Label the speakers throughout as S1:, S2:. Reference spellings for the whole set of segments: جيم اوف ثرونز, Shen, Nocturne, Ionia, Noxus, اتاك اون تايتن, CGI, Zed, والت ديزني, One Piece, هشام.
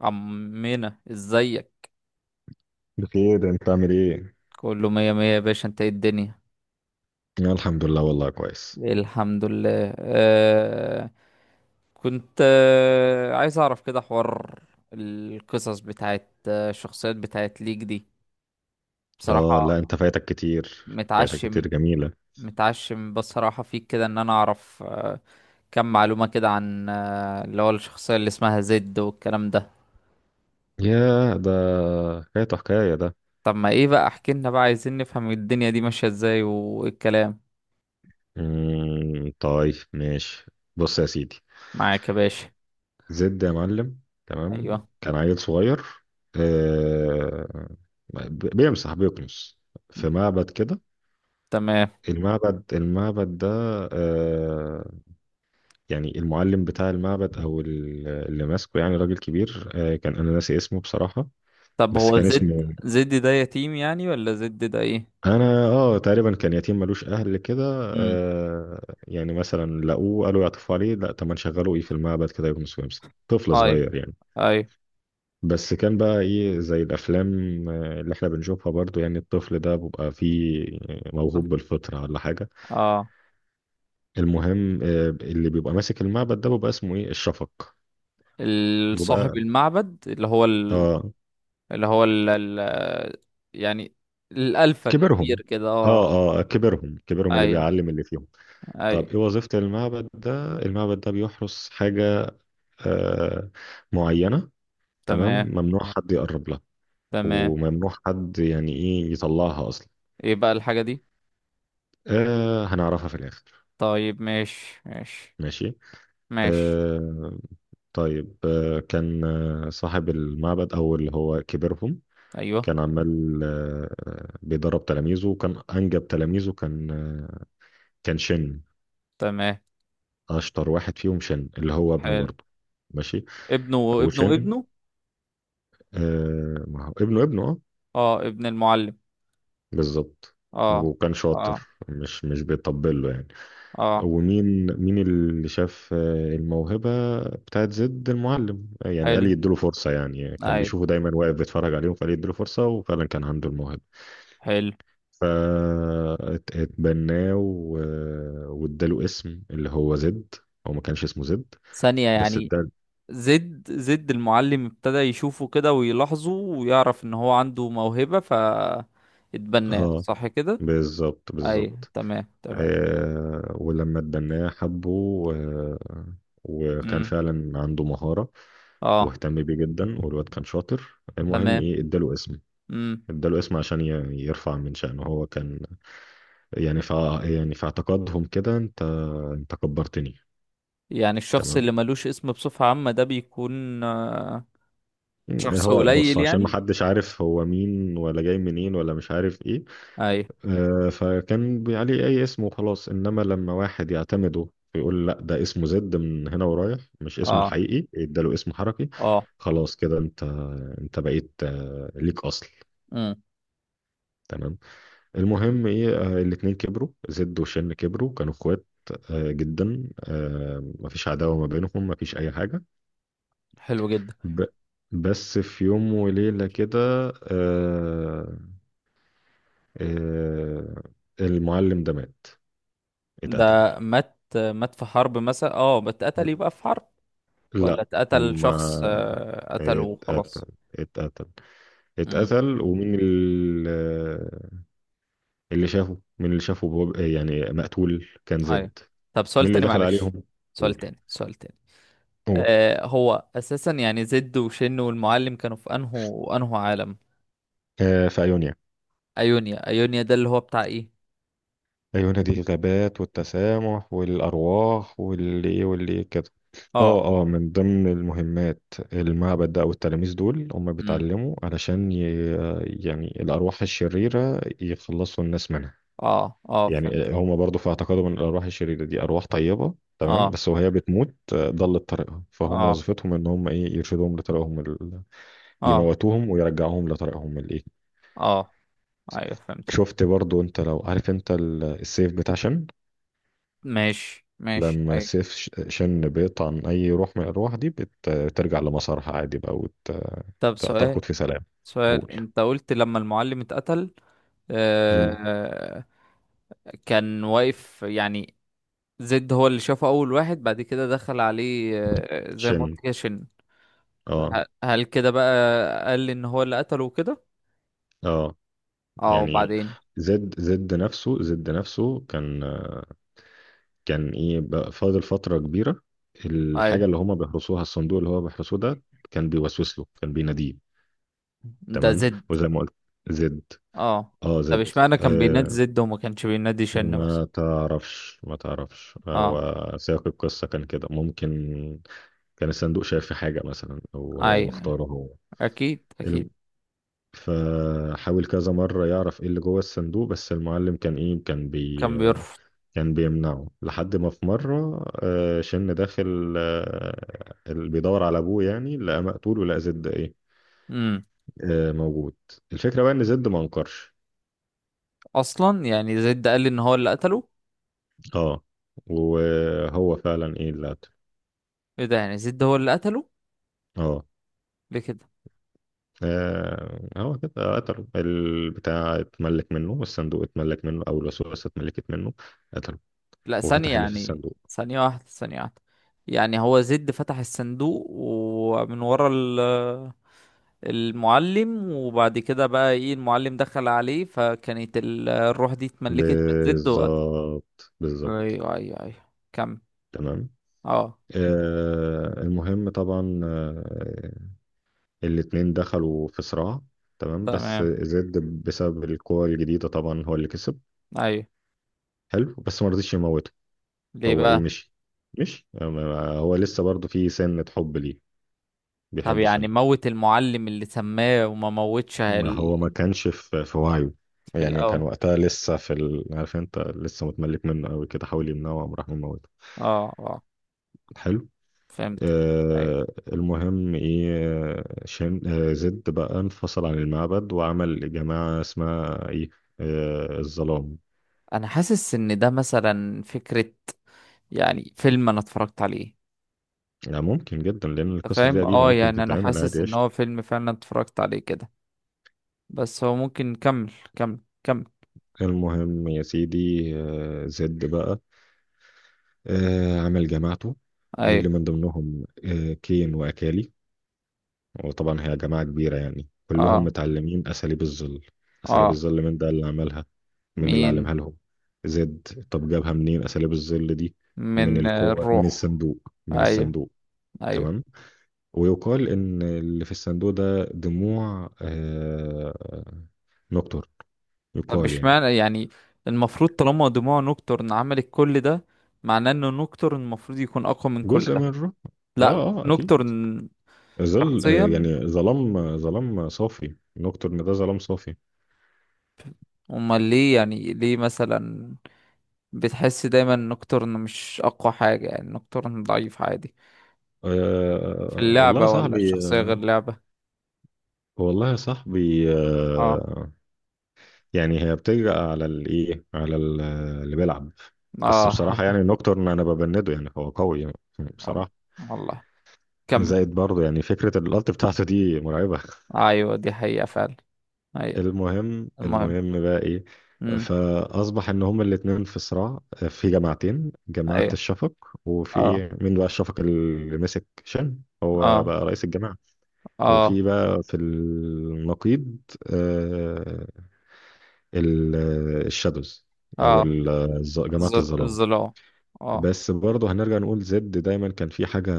S1: عمنا، ازيك؟
S2: بخير، انت عامل ايه؟
S1: كله مية مية يا باشا، انت ايه الدنيا؟
S2: أنا الحمد لله، والله كويس.
S1: الحمد لله، آه. كنت عايز اعرف كده، حوار القصص بتاعت الشخصيات بتاعت ليك دي.
S2: اه
S1: بصراحة
S2: لا انت فايتك كتير، فايتك
S1: متعشم.
S2: كتير جميلة.
S1: متعشم بصراحة فيك كده ان انا اعرف كم معلومة كده عن اللي هو الشخصية اللي اسمها زد والكلام ده.
S2: ياه، ده فايته حكاية ده.
S1: طب ما ايه بقى، احكي لنا بقى. عايزين نفهم الدنيا دي ماشية ازاي والكلام.
S2: طيب، ماشي. بص يا سيدي،
S1: معاك يا باشا.
S2: زد يا معلم. تمام،
S1: ايوه.
S2: كان عيل صغير، آه بيمسح، بيكنس في معبد كده.
S1: تمام.
S2: المعبد المعبد ده، آه يعني المعلم بتاع المعبد او اللي ماسكه، يعني راجل كبير. كان انا ناسي اسمه بصراحة.
S1: طب
S2: بس
S1: هو
S2: كان
S1: زد
S2: اسمه،
S1: زد ده يتيم يعني، ولا زد ده ايه؟
S2: انا تقريبا كان يتيم، ملوش اهل كده.
S1: امم.
S2: يعني مثلا لقوه، قالوا يعطفوا عليه، لا طب ما نشغله ايه في المعبد كده، يكون سويمس طفل
S1: اي،
S2: صغير يعني.
S1: اي.
S2: بس كان بقى ايه زي الافلام، اللي احنا بنشوفها، برضو يعني الطفل ده بيبقى فيه موهوب بالفطرة ولا حاجة.
S1: اه،
S2: المهم اللي بيبقى ماسك المعبد ده بيبقى اسمه ايه الشفق.
S1: صاحب
S2: بيبقى
S1: المعبد اللي هو
S2: اه
S1: اللي هو يعني الالفا كبير
S2: كبرهم.
S1: كده، اه.
S2: اه اه كبرهم، كبرهم اللي
S1: اي،
S2: بيعلم اللي فيهم.
S1: اي.
S2: طب ايه وظيفة المعبد ده؟ المعبد ده بيحرس حاجة آه، معينة. تمام،
S1: تمام،
S2: ممنوع حد يقرب لها،
S1: تمام.
S2: وممنوع حد يعني ايه يطلعها اصلا.
S1: ايه بقى الحاجة دي؟
S2: هنعرفها في الاخر.
S1: طيب، ماشي ماشي.
S2: ماشي.
S1: ماشي.
S2: آه طيب آه كان آه، صاحب المعبد او اللي هو كبيرهم،
S1: ايوه.
S2: كان عمال بيدرب تلاميذه، وكان انجب تلاميذه كان شن،
S1: تمام.
S2: اشطر واحد فيهم شن اللي هو ابنه
S1: حلو.
S2: برضه. ماشي.
S1: ابنه، ابنه،
S2: وشن
S1: ابنه.
S2: ما هو ابنه، ابنه اه.
S1: اه، ابن المعلم.
S2: بالظبط.
S1: اه.
S2: وكان
S1: اه.
S2: شاطر، مش بيطبل له يعني.
S1: اه.
S2: ومين مين اللي شاف الموهبة بتاعت زيد المعلم، يعني قال
S1: حلو.
S2: يديله فرصة، يعني كان
S1: اي.
S2: بيشوفه دايما واقف بيتفرج عليهم، فقال يديله فرصة، وفعلا كان عنده الموهبة.
S1: حلو.
S2: فاتبناه و- واداله اسم اللي هو زد. هو ما كانش اسمه زد،
S1: ثانية
S2: بس
S1: يعني،
S2: ادال.
S1: زد المعلم ابتدى يشوفه كده ويلاحظه ويعرف ان هو عنده موهبة، ف اتبناه.
S2: اه
S1: صح كده؟
S2: بالظبط،
S1: اي،
S2: بالظبط.
S1: تمام، تمام.
S2: ولما اتبناه حبه، آه وكان
S1: امم.
S2: فعلا عنده مهارة،
S1: اه.
S2: واهتم بيه جدا، والواد كان شاطر. المهم
S1: تمام.
S2: ايه، اداله اسم.
S1: امم.
S2: اداله اسم عشان يرفع من شأنه. هو كان يعني ف يعني في اعتقادهم كده، انت انت كبرتني.
S1: يعني الشخص
S2: تمام.
S1: اللي ملوش اسم بصفة عامة ده بيكون شخص
S2: هو بص،
S1: قليل
S2: عشان
S1: يعني.
S2: محدش عارف هو مين ولا جاي منين ولا مش عارف ايه،
S1: اي.
S2: فكان عليه اي اسم وخلاص، انما لما واحد يعتمده ويقول لا ده اسمه زد، من هنا ورايح مش اسمه
S1: اه،
S2: الحقيقي، اداله اسم حركي.
S1: اه.
S2: خلاص كده، انت انت بقيت ليك اصل.
S1: امم.
S2: تمام. المهم ايه، الاتنين كبروا. زد وشن كبروا، كانوا اخوات جدا، مفيش عداوة ما بينهم، مفيش اي حاجة.
S1: حلو جدا.
S2: ب... بس في يوم وليلة كده، آه، آه، المعلم ده مات،
S1: ده.
S2: اتقتل.
S1: مات؟ مات في حرب مثلا، اه؟ بتقتل يبقى في حرب، ولا
S2: لا.
S1: اتقتل،
S2: هم،
S1: شخص قتله
S2: اتقتل،
S1: وخلاص؟
S2: اتقتل،
S1: مم.
S2: اتقتل. اللي شافه، مين اللي شافه، يعني مقتول، كان
S1: ايوه.
S2: زد.
S1: طب سؤال
S2: مين اللي
S1: تاني
S2: دخل
S1: معلش.
S2: عليهم؟
S1: سؤال
S2: قول،
S1: تاني، سؤال تاني.
S2: قول،
S1: هو اساسا يعني زد وشن والمعلم كانوا في انهو عالم؟
S2: في أيونيا.
S1: ايونيا، ايونيا ده اللي هو بتاع ايه؟
S2: عيونها دي الغابات والتسامح والأرواح واللي إيه واللي إيه كده.
S1: اه.
S2: اه اه، من ضمن المهمات، المعبد ده أو التلاميذ دول هم
S1: امم.
S2: بيتعلموا علشان ي... يعني الأرواح الشريرة، يخلصوا الناس منها.
S1: اه، اه، فهمت.
S2: يعني هم برضو في اعتقادهم ان الأرواح الشريرة دي أرواح طيبة تمام،
S1: اه،
S2: بس وهي بتموت ضلت طريقها، فهم
S1: اه،
S2: وظيفتهم ان هم ايه يرشدوهم لطريقهم ال...
S1: اه،
S2: يموتوهم ويرجعوهم لطريقهم الايه.
S1: اه، ايوه، فهمتك.
S2: شفت برضو؟ انت لو عارف، انت السيف بتاع شن،
S1: ماشي ماشي،
S2: لما
S1: ايوه.
S2: سيف شن بيقطع عن أي روح من الأرواح دي، بترجع لمسارها عادي بقى،
S1: طب سؤال.
S2: وتركض في سلام.
S1: سؤال،
S2: قول.
S1: انت قلت لما المعلم اتقتل.
S2: مم.
S1: آه. كان واقف يعني. زد هو اللي شافه اول واحد، بعد كده دخل عليه زي ما
S2: شن.
S1: قلت كده، شن.
S2: اه
S1: هل كده بقى قال لي ان هو اللي قتله وكده؟
S2: اه،
S1: اه،
S2: يعني
S1: وبعدين؟
S2: زد، زد نفسه، زد نفسه كان، كان ايه بقى، فاضل فترة كبيرة.
S1: ايوه.
S2: الحاجة اللي هما بيحرسوها، الصندوق اللي هو بيحرسوه ده، كان بيوسوس له، كان بيناديه.
S1: ده
S2: تمام.
S1: زد.
S2: وزي ما قلت، زد.
S1: اه.
S2: اه
S1: طب
S2: زد.
S1: اشمعنى كان بينادي
S2: آه،
S1: زد وما كانش بينادي شن مثلا؟
S2: ما تعرفش، ما تعرفش،
S1: اه.
S2: هو سياق القصة كان كده ممكن. كان الصندوق شايف في حاجة مثلا، أو هو
S1: ايوه،
S2: مختاره هو.
S1: اكيد
S2: الم-
S1: اكيد.
S2: فحاول كذا مرة يعرف ايه اللي جوه الصندوق، بس المعلم كان ايه،
S1: كان بيرفض.
S2: كان بيمنعه، لحد ما في مرة شن داخل، اللي بيدور على ابوه يعني، لقى مقتول، ولقى زد ايه،
S1: امم.
S2: موجود. الفكرة بقى ان زد ما انكرش.
S1: اصلا يعني زد قال لي ان هو اللي قتله.
S2: اه، وهو فعلا ايه اللي قتله.
S1: ايه ده؟ يعني زد هو اللي قتله؟
S2: اه،
S1: ليه كده؟
S2: هو كده قتله، البتاع اتملك منه، والصندوق اتملك منه، او الوسوسة اتملكت منه، قتله
S1: لا، ثانية
S2: وفتح اللي في
S1: يعني،
S2: الصندوق.
S1: ثانية واحدة، ثانية واحدة. يعني هو زد فتح الصندوق ومن ورا المعلم، وبعد كده بقى ايه، المعلم دخل عليه، فكانت الروح دي اتملكت من زد وقت.
S2: بالظبط، بالظبط.
S1: ايوه، ايوه، ايوه. كم.
S2: تمام.
S1: اه.
S2: المهم طبعا، الاتنين دخلوا في صراع. تمام، بس
S1: تمام.
S2: زد بسبب القوة الجديدة، طبعا هو اللي كسب.
S1: ايوه.
S2: حلو، بس ما رضيش يموته.
S1: ليه
S2: هو ايه،
S1: بقى؟
S2: مشي، مشي هو لسه برضه في سنة حب ليه،
S1: طب
S2: بيحب
S1: يعني
S2: شن.
S1: موت المعلم اللي سماه، وما موتش
S2: ما هو ما كانش في وعيه،
S1: في
S2: يعني كان
S1: الاول.
S2: وقتها لسه في ال... عارف انت، لسه متملك منه قوي كده، حاول يمنعه، وقام راح مموته.
S1: اه، اه،
S2: حلو.
S1: فهمت.
S2: آه المهم ايه، آه، شن آه زد بقى انفصل عن المعبد، وعمل جماعة اسمها ايه، الظلام.
S1: انا حاسس ان ده مثلا فكرة، يعني فيلم انا اتفرجت عليه.
S2: يعني ممكن جدا، لان
S1: أنت
S2: القصص دي
S1: فاهم؟
S2: قديمة،
S1: اه،
S2: ممكن
S1: يعني انا
S2: تتعمل
S1: حاسس
S2: عادي
S1: ان
S2: قشطة.
S1: هو فيلم فعلا اتفرجت عليه كده. بس هو ممكن نكمل. كمل، كمل.
S2: المهم يا سيدي، زد بقى، عمل جماعته، اللي
S1: ايوه.
S2: من ضمنهم كين وأكالي. وطبعا هي جماعة كبيرة يعني، كلهم
S1: اه.
S2: متعلمين أساليب الظل. أساليب
S1: اه.
S2: الظل، من ده اللي عملها، من اللي
S1: مين؟
S2: علمها لهم؟ زد. طب جابها منين أساليب الظل دي؟ من
S1: من
S2: القوة، من
S1: الروح.
S2: الصندوق، من
S1: ايوه.
S2: الصندوق.
S1: ايوه.
S2: تمام. ويقال إن اللي في الصندوق ده دموع نكتر،
S1: طب
S2: يقال يعني.
S1: اشمعنى يعني؟ المفروض طالما دموع نوكتورن عملت كل ده، معناه انه نوكتورن المفروض يكون اقوى من كل
S2: جزء
S1: ده.
S2: من الروح. آه
S1: لا،
S2: أكيد،
S1: نوكتورن
S2: ظل،
S1: شخصيا،
S2: يعني ظلام، ظلام صافي نكتر، إن ده ظلام صافي.
S1: امال ليه يعني؟ ليه مثلا بتحس دايما ان نوكتورن مش اقوى حاجة؟ يعني نوكتورن ضعيف عادي في
S2: والله يا
S1: اللعبة، ولا
S2: صاحبي،
S1: الشخصية غير
S2: آه،
S1: لعبة؟
S2: والله يا صاحبي.
S1: اه،
S2: يعني هي بتجرأ على الايه، على اللي بيلعب. بس
S1: اه.
S2: بصراحة يعني، نوكتورن انا ببنده يعني، هو قوي يعني،
S1: والله.
S2: بصراحة.
S1: والله. كمل.
S2: زائد برضه، يعني فكرة الالت بتاعته دي مرعبة.
S1: ايوه، دي حقيقة فعلا. هي.
S2: المهم،
S1: المهم.
S2: المهم بقى ايه.
S1: امم.
S2: فاصبح ان هما الاتنين في صراع، في جماعتين: جماعة
S1: ايوه.
S2: الشفق،
S1: اه،
S2: وفي مين بقى الشفق، اللي مسك شن، هو
S1: اه،
S2: بقى رئيس الجماعة.
S1: اه،
S2: وفي بقى في النقيض آه، الشادوز، او
S1: اه.
S2: ال- جماعة الظلام.
S1: الظلام. اه.
S2: بس برضه هنرجع نقول، زد دايما كان في حاجة،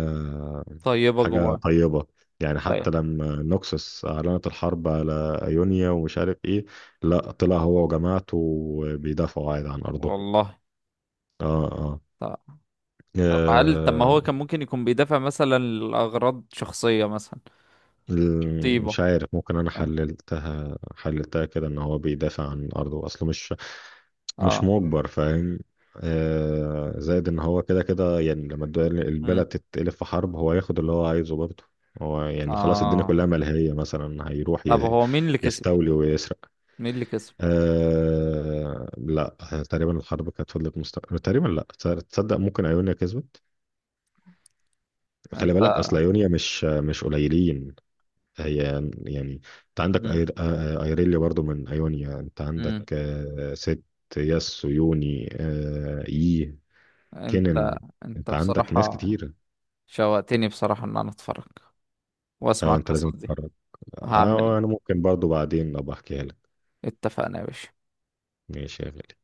S1: طيبة
S2: حاجة
S1: جواه.
S2: طيبة. يعني
S1: ايوه.
S2: حتى لما نوكسوس أعلنت الحرب على أيونيا ومش عارف إيه، لا، طلع هو وجماعته بيدافعوا عادي عن أرضه.
S1: والله.
S2: آه آه,
S1: طب. طب هل طب ما
S2: آه
S1: هو كان ممكن يكون بيدافع مثلا لأغراض شخصية مثلا؟ طيبة.
S2: مش عارف، ممكن انا
S1: فاهم؟
S2: حللتها، حللتها كده ان هو بيدافع عن ارضه، اصله مش، مش
S1: اه.
S2: مجبر، فاهم. زائد ان هو كده كده يعني، لما البلد
S1: امم.
S2: تتقلب في حرب، هو ياخد اللي هو عايزه برضه. هو يعني خلاص الدنيا
S1: اه.
S2: كلها ملهية، مثلا هيروح
S1: طب هو مين اللي كسب؟
S2: يستولي ويسرق.
S1: مين اللي كسب؟
S2: لا، تقريبا الحرب كانت فضلت مستمرة، تقريبا. لا، تصدق ممكن ايونيا كسبت. خلي
S1: انت.
S2: بالك، اصل ايونيا مش، مش قليلين. هي يعني، انت عندك
S1: مم.
S2: أير... آه، آه، ايريليا برضو من ايونيا، انت عندك
S1: مم.
S2: ست، ياس، ويوني، اي
S1: انت
S2: كينن.
S1: انت
S2: انت عندك ناس
S1: بصراحة
S2: كتير.
S1: شوقتني بصراحة ان انا اتفرج واسمع
S2: اه، انت لازم
S1: القصص دي.
S2: تتفرج.
S1: هعمل.
S2: اه، انا ممكن برضو بعدين ابقى احكيها لك.
S1: اتفقنا يا باشا.
S2: ماشي يا غالي.